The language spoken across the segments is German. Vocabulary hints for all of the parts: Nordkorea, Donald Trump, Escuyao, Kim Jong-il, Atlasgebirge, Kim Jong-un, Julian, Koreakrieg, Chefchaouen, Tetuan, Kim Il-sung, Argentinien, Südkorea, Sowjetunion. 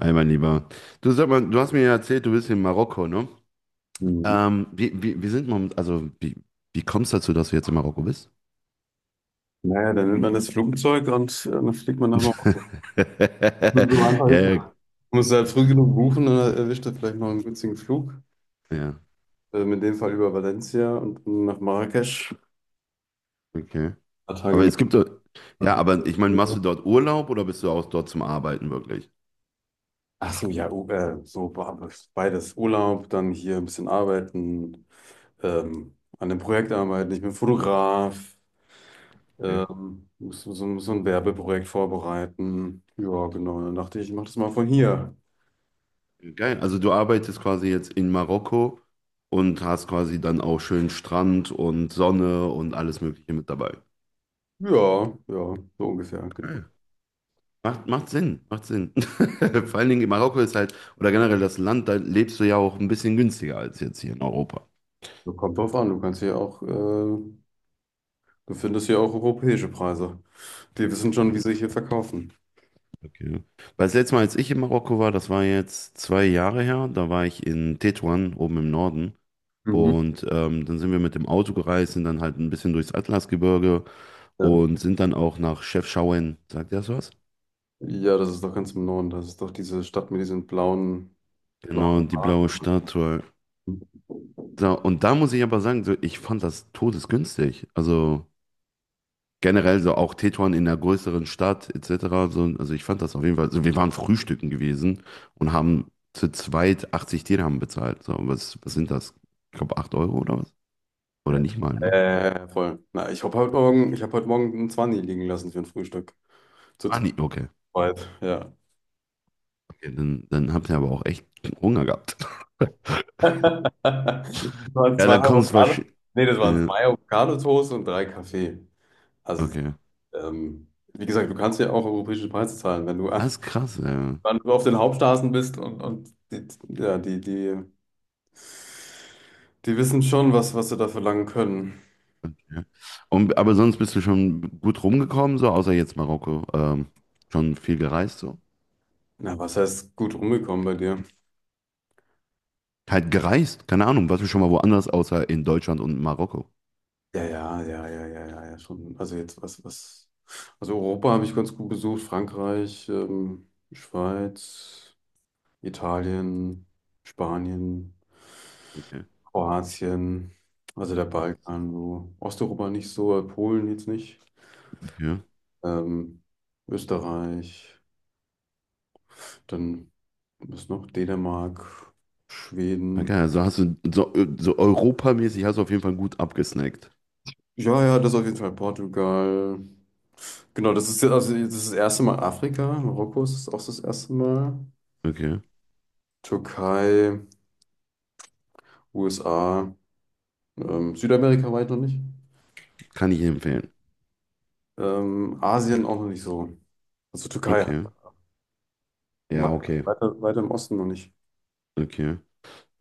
Hi, mein Lieber. Du sag mal, du hast mir ja erzählt, du bist in Marokko, ne? Mhm. Wie sind wir, also wie kommst du dazu, dass du jetzt in Marokko bist? Dann nimmt man das Flugzeug und dann fliegt man nach Marokko. Ja, Ist ja, das. Muss halt früh genug buchen, dann erwischt er vielleicht noch einen günstigen Flug. ja, In dem Fall über Valencia und dann nach Marrakesch. Ein okay. paar Tage Aber es mit. gibt, doch- ja, aber ich meine, machst du dort Urlaub oder bist du auch dort zum Arbeiten wirklich? Ach so, ja, beides. Urlaub, dann hier ein bisschen arbeiten, an dem Projekt arbeiten. Ich bin Fotograf, Okay. Muss so ein Werbeprojekt vorbereiten. Ja, genau. Dann dachte ich, ich mache das mal von hier. Geil. Also du arbeitest quasi jetzt in Marokko und hast quasi dann auch schön Strand und Sonne und alles Mögliche mit dabei. Ja, ja, so ungefähr, genau. Macht Sinn, macht Sinn. Vor allen Dingen in Marokko ist halt, oder generell das Land, da lebst du ja auch ein bisschen günstiger als jetzt hier in Europa. So, kommt drauf an, du kannst hier auch, du findest hier auch europäische Preise. Die wissen Hm, schon, wie sie sich hier verkaufen. okay. Weil das letzte Mal, als ich in Marokko war, das war jetzt zwei Jahre her, da war ich in Tetuan, oben im Norden. Mhm. Und dann sind wir mit dem Auto gereist, sind dann halt ein bisschen durchs Atlasgebirge Ja. und sind dann auch nach Chefchaouen. Sagt ihr das was? Ja, das ist doch ganz im Norden. Das ist doch diese Stadt mit diesen blauen, Genau, blauen und die blaue Haaren. Statue. So, und da muss ich aber sagen, so, ich fand das todesgünstig. Also generell so auch Tetuan in einer größeren Stadt etc. So, also ich fand das auf jeden Fall. Also wir waren frühstücken gewesen und haben zu zweit 80 Dirham bezahlt. So, was, was sind das? Ich glaube 8 Euro oder was? Oder Ja. nicht mal, ne? Voll. Na, ich habe heute Morgen einen 20 liegen lassen für ein Frühstück. Zu Ah, nee, okay. zweit, ja. Okay, dann, dann habt ihr aber auch echt Hunger gehabt. Das waren Ja, zwei dann kommst du Avocado. wahrscheinlich. Nee, das waren Äh, zwei Avocado-Toast und drei Kaffee. Also, okay. ähm, wie gesagt, du kannst ja auch europäische Preise zahlen, wenn du Das ist krass, ja. wenn du auf den Hauptstraßen bist und die, ja, die, die, die wissen schon, was sie da verlangen können. Okay. Und, aber sonst bist du schon gut rumgekommen, so außer jetzt Marokko. Schon viel gereist, so. Na, was heißt gut rumgekommen bei dir? Halt gereist, keine Ahnung, warst du schon mal woanders außer in Deutschland und Marokko? Ja, ja, ja, ja, ja, ja, ja, schon. Also jetzt, was. Also Europa habe ich ganz gut besucht, Frankreich, Schweiz, Italien, Spanien, Okay. Kroatien, also der Balkan, so. Osteuropa nicht so, Polen jetzt nicht. Okay. Ähm, Österreich. Dann was noch? Dänemark, Na Schweden. geil, also hast du so, so europamäßig hast du auf jeden Fall gut abgesnackt. Ja, ja, das auf jeden Fall. Portugal. Genau, das ist jetzt, also jetzt ist das erste Mal Afrika. Marokko ist auch das erste Mal. Okay. Türkei, USA, Südamerika weit noch nicht. Kann ich empfehlen. Asien auch noch nicht so. Also Türkei halt. Okay. Ja, okay. Weiter im Osten noch nicht. Okay.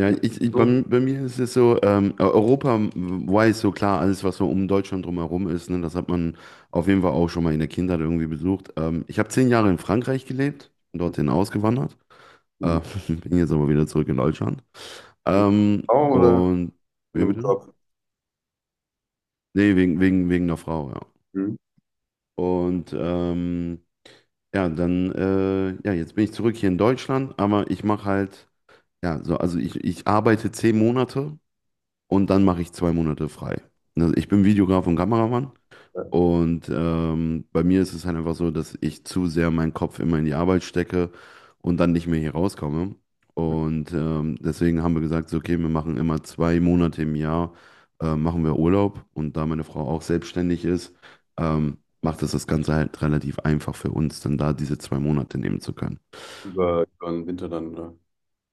Ja, Ja. ich, ich, So. bei, bei mir ist es so, Europa weiß so klar, alles, was so um Deutschland drumherum ist, ne, das hat man auf jeden Fall auch schon mal in der Kindheit irgendwie besucht. Ich habe 10 Jahre in Frankreich gelebt, bin dorthin ausgewandert, Mhm. äh, bin jetzt aber wieder zurück in Deutschland. Ähm, Auch oder und, in wie einem bitte? Job? Nee, wegen der Frau, ja. Mhm. Und ja, dann, ja, jetzt bin ich zurück hier in Deutschland, aber ich mache halt, ja, so, also ich arbeite 10 Monate und dann mache ich zwei Monate frei. Also ich bin Videograf und Kameramann Ja, und bei mir ist es halt einfach so, dass ich zu sehr meinen Kopf immer in die Arbeit stecke und dann nicht mehr hier rauskomme. Und deswegen haben wir gesagt, so, okay, wir machen immer zwei Monate im Jahr, machen wir Urlaub. Und da meine Frau auch selbstständig ist, macht es das Ganze halt relativ einfach für uns, dann da diese zwei Monate nehmen zu können. über, den Winter dann, oder?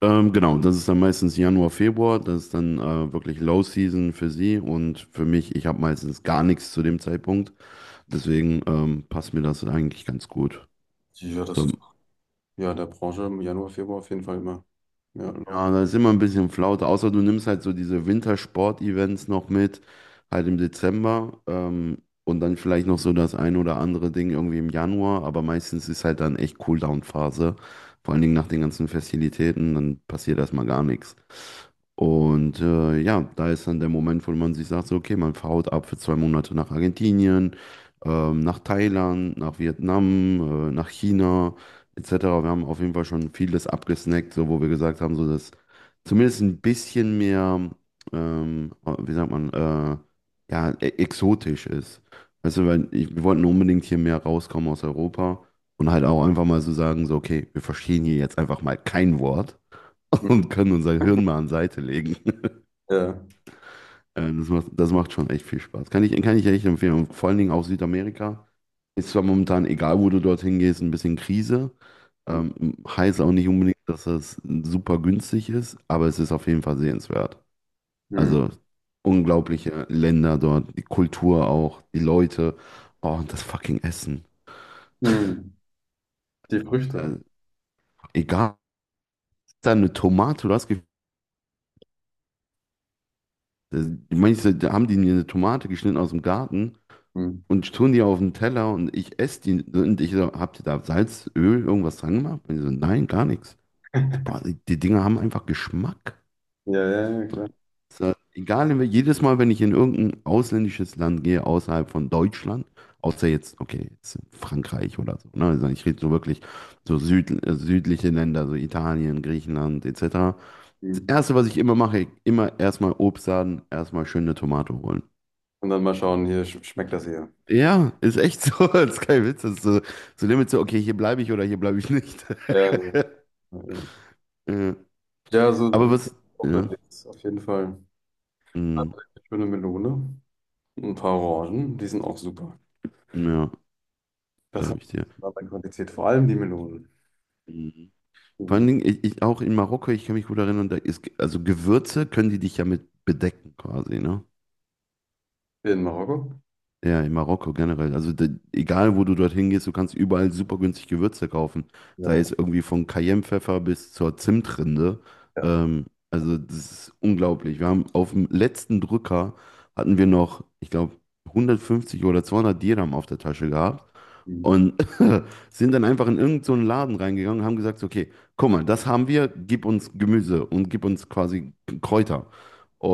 Genau, das ist dann meistens Januar, Februar, das ist dann wirklich Low Season für sie und für mich, ich habe meistens gar nichts zu dem Zeitpunkt, deswegen passt mir das eigentlich ganz gut. Ja, das So, ist. Ja, in der Branche im Januar, Februar auf jeden Fall immer. Ja, ja, Laub. da ist immer ein bisschen Flaute, außer du nimmst halt so diese Wintersport-Events noch mit, halt im Dezember und dann vielleicht noch so das ein oder andere Ding irgendwie im Januar, aber meistens ist halt dann echt Cooldown-Phase, vor allen Dingen nach den ganzen Festivitäten, dann passiert erstmal gar nichts. Und ja, da ist dann der Moment, wo man sich sagt, so, okay, man haut ab für zwei Monate nach Argentinien, nach Thailand, nach Vietnam, nach China etc. Wir haben auf jeden Fall schon vieles abgesnackt, so wo wir gesagt haben, so dass zumindest ein bisschen mehr, ähm, wie sagt man, ja, exotisch ist. Weißt du, weil ich, wir wollten unbedingt hier mehr rauskommen aus Europa und halt auch einfach mal so sagen, so, okay, wir verstehen hier jetzt einfach mal kein Wort Hm. und können unser Hirn mal an Seite legen. Ja. Das macht schon echt viel Spaß. Kann ich echt empfehlen. Und vor allen Dingen auch Südamerika. Ist zwar momentan, egal wo du dorthin gehst, ein bisschen Krise. Hm. Heißt auch nicht unbedingt, dass das super günstig ist, aber es ist auf jeden Fall sehenswert. Hm. Also unglaubliche Länder dort, die Kultur auch, die Leute, oh, und das fucking Essen. Hm. Die Früchte. Äh, egal, da eine Tomate, äh, manche da haben die mir eine Tomate geschnitten aus dem Garten Hm. und tun die auf den Teller und ich esse die und ich so, habt ihr da Salz, Öl, irgendwas dran gemacht? Und die so, nein, gar nichts. So, Boah, die Dinger haben einfach Geschmack. Ja, ja, ja, klar. So, egal, jedes Mal, wenn ich in irgendein ausländisches Land gehe, außerhalb von Deutschland, außer jetzt, okay, jetzt Frankreich oder so, ne? Also ich rede so wirklich südliche Länder, so Italien, Griechenland etc. Das Hm. Erste, was ich immer mache, immer erstmal Obstladen, erstmal schöne Tomate holen. Und dann mal schauen, hier sch schmeckt das hier. Ja, ist echt so, das ist kein Witz, das ist so, so Limit so, okay, hier bleibe ich oder hier bleibe ich nicht. Ja, ja, ja. Ja, Ja, so, so aber was, auch ja, unterwegs, auf jeden Fall. mm, Eine schöne Melone, ein paar Orangen, die sind auch super. ja, Das glaube hat ich dir. eine andere Qualität, vor allem die Melonen. Mm. Vor allen Mhm. Dingen, ich auch in Marokko, ich kann mich gut erinnern, da ist, also Gewürze können die dich ja mit bedecken quasi, ne? In Marokko? Ja, in Marokko generell. Also da, egal, wo du dorthin gehst, du kannst überall super günstig Gewürze kaufen. Sei Ja, es irgendwie von Cayennepfeffer bis zur Zimtrinde. ja. Also das ist unglaublich. Wir haben auf dem letzten Drücker hatten wir noch, ich glaube, 150 oder 200 Dirham auf der Tasche gehabt. Hm. Und sind dann einfach in irgendeinen so einen Laden reingegangen und haben gesagt, so, okay, guck mal, das haben wir, gib uns Gemüse und gib uns quasi Kräuter.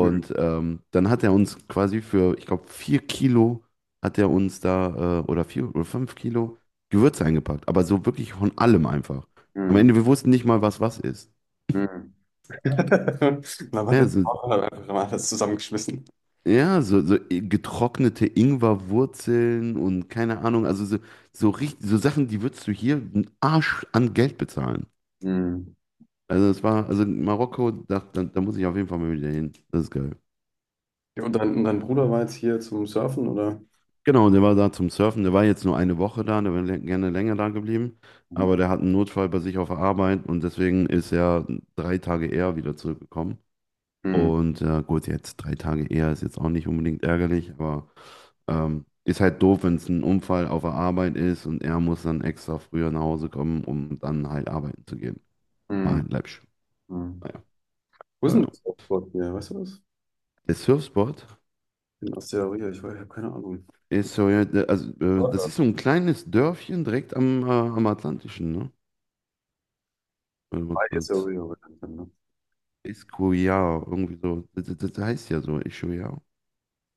Hm. Dann hat er uns quasi für, ich glaube, vier Kilo hat er uns da, oder vier oder fünf Kilo Gewürze eingepackt. Aber so wirklich von allem einfach. Am Hm. Ende, wir wussten nicht mal, was was ist. Hm. Man hat Ja, jetzt so, einfach mal alles zusammengeschmissen. ja, getrocknete Ingwerwurzeln und keine Ahnung, also so, so, richtig, so Sachen, die würdest du hier einen Arsch an Geld bezahlen. Mhm. Also es war, also Marokko, da muss ich auf jeden Fall mal wieder hin. Das ist geil. Ja, und dein Bruder war jetzt hier zum Surfen, oder? Genau, der war da zum Surfen. Der war jetzt nur eine Woche da, der wäre gerne länger da geblieben. Mhm. Aber der hat einen Notfall bei sich auf der Arbeit und deswegen ist er drei Tage eher wieder zurückgekommen. Mhm. Und gut, jetzt drei Tage eher ist jetzt auch nicht unbedingt ärgerlich, aber ist halt doof, wenn es ein Unfall auf der Arbeit ist und er muss dann extra früher nach Hause kommen, um dann halt arbeiten zu gehen. War Mhm. halt läppisch. Mhm. Naja. Wo ist Äh, denn das Surfboard hier? Weißt du das? Der Surfspot In Asteria, ich weiß, ich habe keine Ahnung. ist so, ja, das Oder? ist so ein kleines Dörfchen direkt am, am Atlantischen, ne? Warte mal Bei kurz. Asteria bekannt, ne? Escuyao, irgendwie so. Das heißt ja so, Escuyao.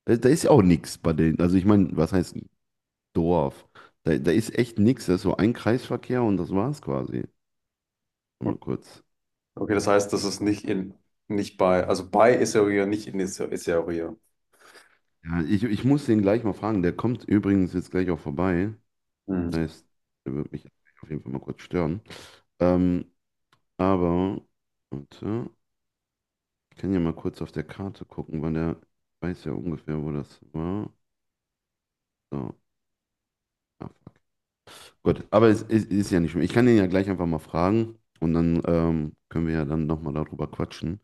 Da ist ja auch nichts bei denen. Also ich meine, was heißt Dorf? Da ist echt nichts. Das ist so ein Kreisverkehr und das war's quasi. Mal kurz. Okay, das heißt, das ist nicht bei, also bei Asteria, nicht in Asteria. Ja, ich muss den gleich mal fragen. Der kommt übrigens jetzt gleich auch vorbei. Das Mhm. heißt, der wird mich auf jeden Fall mal kurz stören. Ähm, aber, warte, ich kann ja mal kurz auf der Karte gucken, weil der weiß ja ungefähr, wo das war. So, ah, fuck. Gut, aber es ist ja nicht schlimm. Ich kann den ja gleich einfach mal fragen und dann können wir ja dann nochmal darüber quatschen.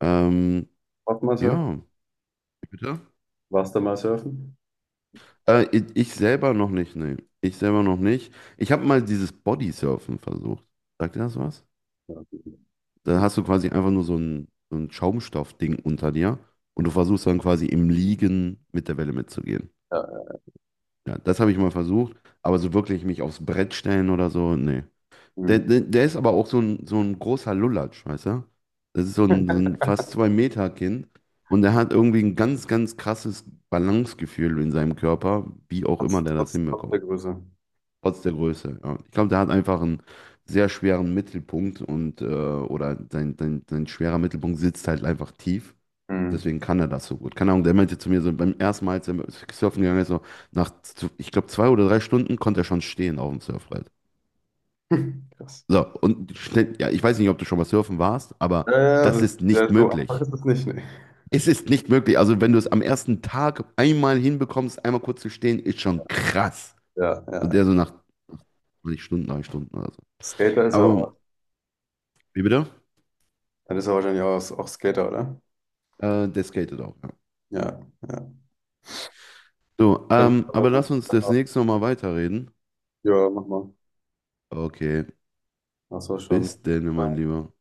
Ähm, Warst du mal surfen? ja, bitte. Warst du mal surfen? Ich selber noch nicht, nee. Ich selber noch nicht. Ich habe mal dieses Bodysurfen versucht. Sagt dir das was? Ja, Da hast du quasi einfach nur so ein Schaumstoffding unter dir und du versuchst dann quasi im Liegen mit der Welle mitzugehen. ja, ja. Ja, das habe ich mal versucht, aber so wirklich mich aufs Brett stellen oder so, nee. Der, Mhm. der, der ist aber auch so ein großer Lulatsch, weißt du? Das ist so ein fast 2 Meter Kind und der hat irgendwie ein ganz, ganz krasses Balancegefühl in seinem Körper, wie auch immer der das Trotz der hinbekommt. Größe. Trotz der Größe. Ja. Ich glaube, der hat einfach einen sehr schweren Mittelpunkt und oder sein schwerer Mittelpunkt sitzt halt einfach tief. Mhm. Deswegen kann er das so gut. Keine Ahnung, der meinte zu mir so beim ersten Mal, als er surfen gegangen ist, so ich glaube, zwei oder drei Stunden konnte er schon stehen auf dem Surfbrett. Krass. So, und schnell, ja, ich weiß nicht, ob du schon mal surfen warst, aber Ja, das ja, ist ja, nicht so einfach möglich. ist es nicht, ne? Es ist nicht möglich. Also, wenn du es am ersten Tag einmal hinbekommst, einmal kurz zu stehen, ist schon krass. Ja. Und Ja, der so nach, weiß nicht Stunden, drei Stunden oder so. Skater ist er. Aber, wie bitte? Dann ist er wahrscheinlich auch Skater, oder? Der skatet auch, ja. Ja, ja. So, Dann- aber lass uns das nächste Mal weiterreden. ja, mach mal. Okay, Ach so, schon. bis denn, mein Lieber.